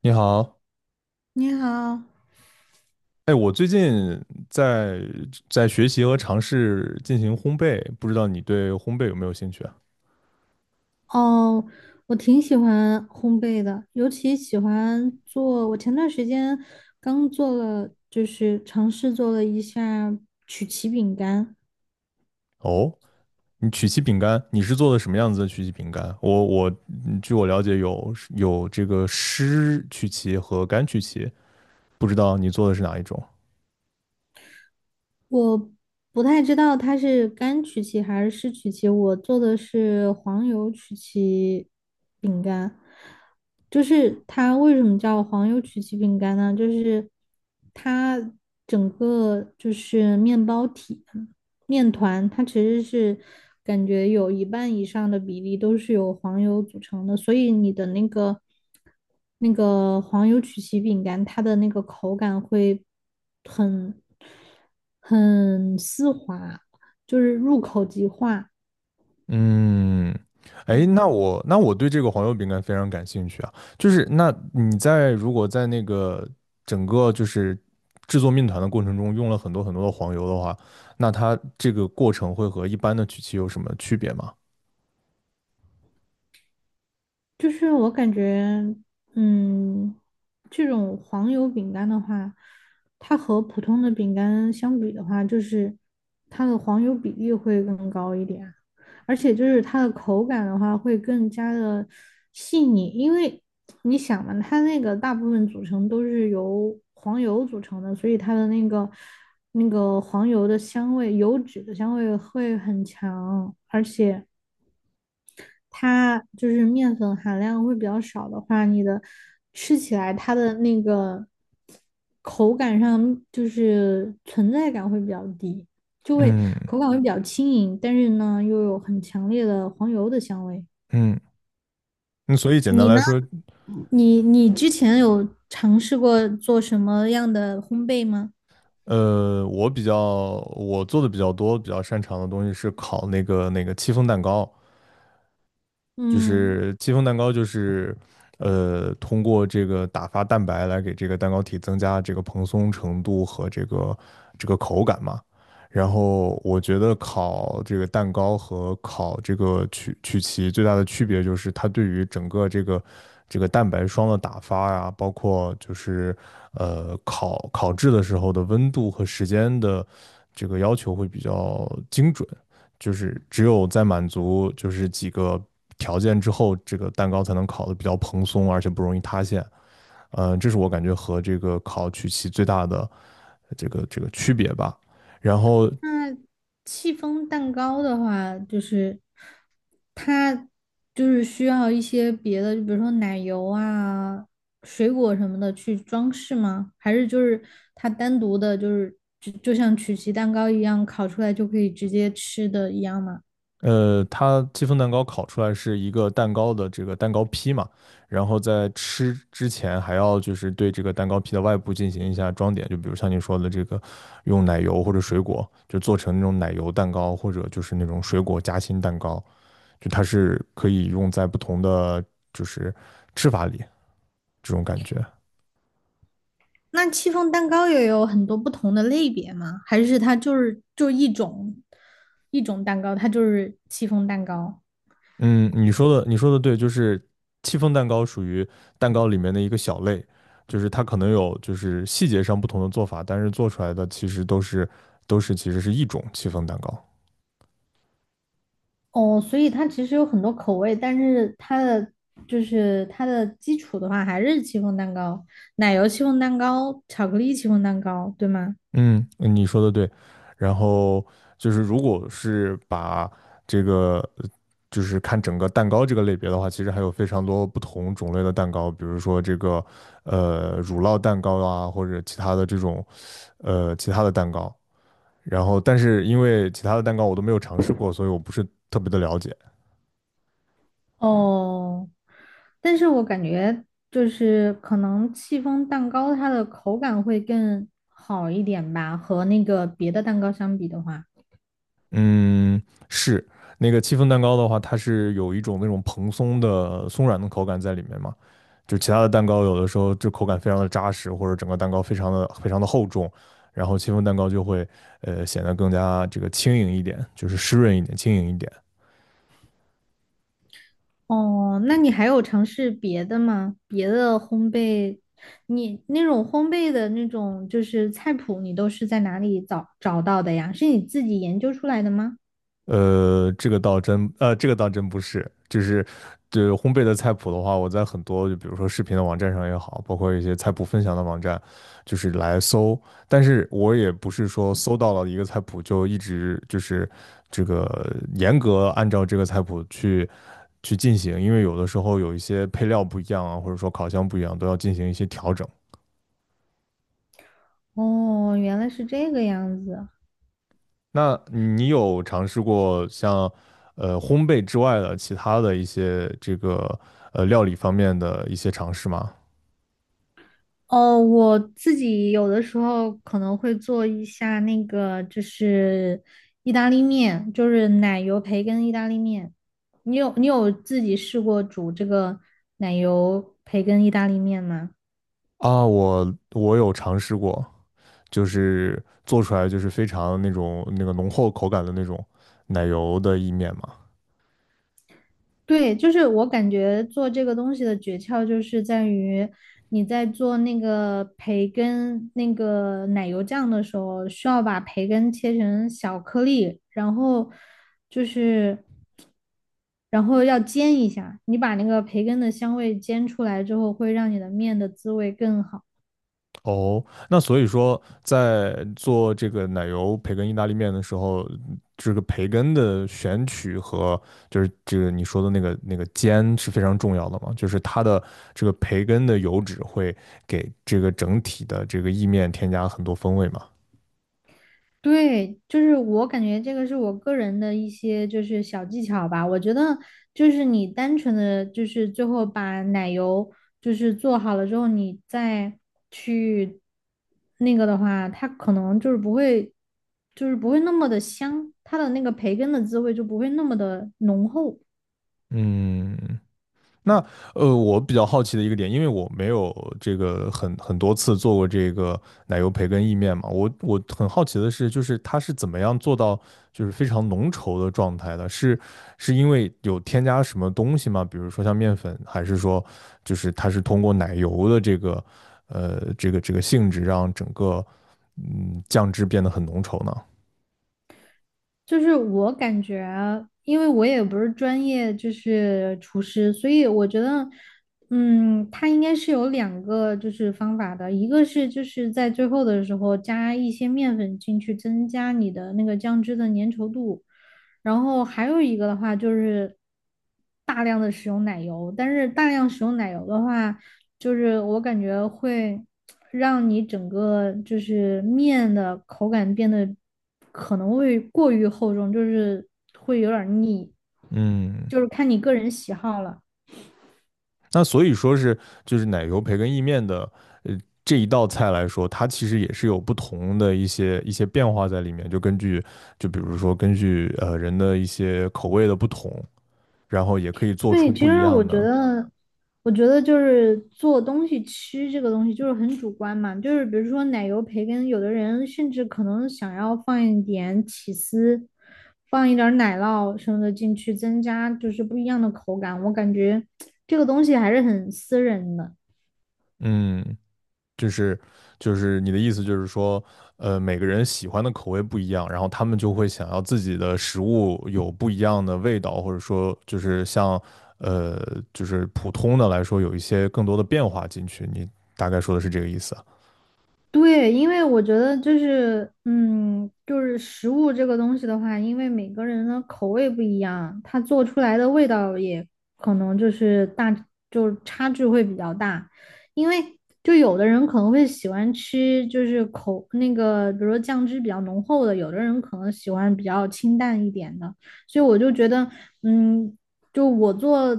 你好，你好。哎，我最近在在学习和尝试进行烘焙，不知道你对烘焙有没有兴趣啊？哦，我挺喜欢烘焙的，尤其喜欢做。我前段时间刚做了，尝试做了一下曲奇饼干。哦，你曲奇饼干，你是做的什么样子的曲奇饼干？我据我了解有这个湿曲奇和干曲奇，不知道你做的是哪一种？我不太知道它是干曲奇还是湿曲奇，我做的是黄油曲奇饼干。它为什么叫黄油曲奇饼干呢？它整个就是面包体。面团它其实是感觉有一半以上的比例都是由黄油组成的，所以你的那个黄油曲奇饼干，它的那个口感会很很丝滑，就是入口即化。嗯，哎，那我对这个黄油饼干非常感兴趣啊。就是那你在如果在那个整个就是制作面团的过程中用了很多很多的黄油的话，那它这个过程会和一般的曲奇有什么区别吗？就是我感觉，嗯，这种黄油饼干的话，它和普通的饼干相比的话，就是它的黄油比例会更高一点，而且就是它的口感的话会更加的细腻，因为你想嘛，它那个大部分组成都是由黄油组成的，所以它的那个黄油的香味、油脂的香味会很强，而且。它就是面粉含量会比较少的话，你的吃起来它的那个口感上就是存在感会比较低，就会嗯口感会比较轻盈，但是呢又有很强烈的黄油的香味。嗯，那所以简单你来呢？说，你之前有尝试过做什么样的烘焙吗？我比较我做的比较多、比较擅长的东西是烤那个戚风蛋糕，就嗯。是戚风蛋糕就是通过这个打发蛋白来给这个蛋糕体增加这个蓬松程度和这个口感嘛。然后我觉得烤这个蛋糕和烤这个曲奇最大的区别就是它对于整个这个蛋白霜的打发呀、包括就是烤烤制的时候的温度和时间的这个要求会比较精准。就是只有在满足就是几个条件之后，这个蛋糕才能烤的比较蓬松，而且不容易塌陷。这是我感觉和这个烤曲奇最大的这个区别吧。然后，那戚风蛋糕的话，就是它就是需要一些别的，就比如说奶油啊、水果什么的去装饰吗？还是就是它单独的，就像曲奇蛋糕一样烤出来就可以直接吃的一样吗？它戚风蛋糕烤出来是一个蛋糕的这个蛋糕坯嘛，然后在吃之前还要就是对这个蛋糕坯的外部进行一下装点，就比如像你说的这个用奶油或者水果，就做成那种奶油蛋糕或者就是那种水果夹心蛋糕，就它是可以用在不同的就是吃法里这种感觉。那戚风蛋糕也有很多不同的类别吗？还是它就是就一种蛋糕，它就是戚风蛋糕？嗯，你说的对，就是戚风蛋糕属于蛋糕里面的一个小类，就是它可能有就是细节上不同的做法，但是做出来的其实都是其实是一种戚风蛋糕。哦，所以它其实有很多口味，但是它的就是它的基础的话，还是戚风蛋糕、奶油戚风蛋糕、巧克力戚风蛋糕，对吗？嗯，你说的对。然后就是，如果是把这个，就是看整个蛋糕这个类别的话，其实还有非常多不同种类的蛋糕，比如说这个乳酪蛋糕啊，或者其他的这种其他的蛋糕。然后，但是因为其他的蛋糕我都没有尝试过，所以我不是特别的了解。哦，但是我感觉就是可能戚风蛋糕它的口感会更好一点吧，和那个别的蛋糕相比的话。嗯，是那个戚风蛋糕的话，它是有一种那种蓬松的松软的口感在里面嘛。就其他的蛋糕有的时候就口感非常的扎实，或者整个蛋糕非常的厚重，然后戚风蛋糕就会显得更加这个轻盈一点，就是湿润一点、轻盈一点。哦，那你还有尝试别的吗？别的烘焙，你那种烘焙的那种就是菜谱，你都是在哪里找到的呀？是你自己研究出来的吗？这个倒真，这个倒真不是，就是对烘焙的菜谱的话，我在很多就比如说视频的网站上也好，包括一些菜谱分享的网站，就是来搜，但是我也不是说搜到了一个菜谱就一直就是这个严格按照这个菜谱去进行，因为有的时候有一些配料不一样啊，或者说烤箱不一样，都要进行一些调整。哦，原来是这个样子。那你有尝试过像烘焙之外的其他的一些这个料理方面的一些尝试吗？哦，我自己有的时候可能会做一下那个，就是意大利面，就是奶油培根意大利面。你有自己试过煮这个奶油培根意大利面吗？啊，我有尝试过，就是做出来就是非常那种那个浓厚口感的那种奶油的意面嘛。对，就是我感觉做这个东西的诀窍就是在于你在做那个培根那个奶油酱的时候，需要把培根切成小颗粒，然后就是然后要煎一下，你把那个培根的香味煎出来之后，会让你的面的滋味更好。哦，那所以说，在做这个奶油培根意大利面的时候，这个培根的选取和就是这个你说的那个那个煎是非常重要的嘛，就是它的这个培根的油脂会给这个整体的这个意面添加很多风味嘛。对，就是我感觉这个是我个人的一些就是小技巧吧。我觉得就是你单纯的就是最后把奶油就是做好了之后，你再去那个的话，它可能就是不会，就是不会那么的香，它的那个培根的滋味就不会那么的浓厚。嗯，那我比较好奇的一个点，因为我没有这个很很多次做过这个奶油培根意面嘛，我很好奇的是，就是它是怎么样做到就是非常浓稠的状态的？是是因为有添加什么东西吗？比如说像面粉，还是说就是它是通过奶油的这个这个性质让整个嗯酱汁变得很浓稠呢？就是我感觉啊，因为我也不是专业，就是厨师，所以我觉得，嗯，它应该是有两个就是方法的，一个是就是在最后的时候加一些面粉进去，增加你的那个酱汁的粘稠度，然后还有一个的话就是大量的使用奶油，但是大量使用奶油的话。就是我感觉会让你整个就是面的口感变得可能会过于厚重，就是会有点儿腻，嗯，就是看你个人喜好了。那所以说是就是奶油培根意面的呃这一道菜来说，它其实也是有不同的一些变化在里面，就根据就比如说根据人的一些口味的不同，然后也可以做出对，其不一实样我觉的。得，就是做东西吃这个东西就是很主观嘛，就是比如说奶油培根，有的人甚至可能想要放一点起司，放一点儿奶酪什么的进去，增加就是不一样的口感。我感觉这个东西还是很私人的。嗯，就是就是你的意思就是说，每个人喜欢的口味不一样，然后他们就会想要自己的食物有不一样的味道，或者说就是像呃，就是普通的来说有一些更多的变化进去。你大概说的是这个意思啊。对，因为我觉得就是，嗯，就是食物这个东西的话，因为每个人的口味不一样，它做出来的味道也可能就是大，就是差距会比较大。因为就有的人可能会喜欢吃，就是口那个，比如说酱汁比较浓厚的，有的人可能喜欢比较清淡一点的。所以我就觉得，嗯，就我做，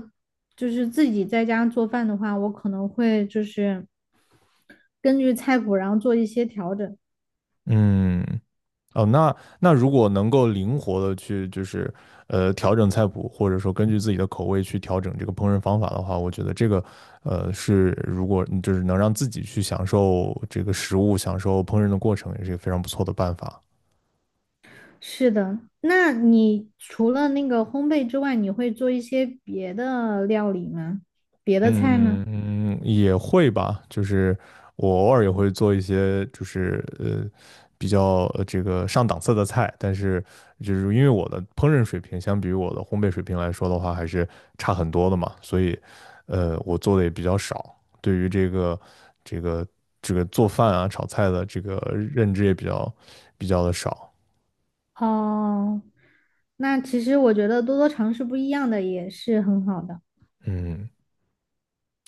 就是自己在家做饭的话，我可能会就是。根据菜谱然后做一些调整。嗯，哦，那如果能够灵活的去就是调整菜谱，或者说根据自己的口味去调整这个烹饪方法的话，我觉得这个是如果嗯就是能让自己去享受这个食物、享受烹饪的过程，也是一个非常不错的办法。是的，那你除了那个烘焙之外，你会做一些别的料理吗？别的菜吗？嗯，也会吧，就是我偶尔也会做一些，就是比较这个上档次的菜，但是就是因为我的烹饪水平相比于我的烘焙水平来说的话，还是差很多的嘛，所以我做的也比较少，对于这个这个这个做饭啊炒菜的这个认知也比较比较的少。哦，那其实我觉得多多尝试不一样的也是很好的。嗯，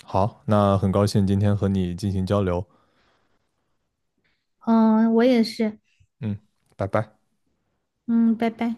好，那很高兴今天和你进行交流，嗯，我也是。嗯，拜拜。嗯，拜拜。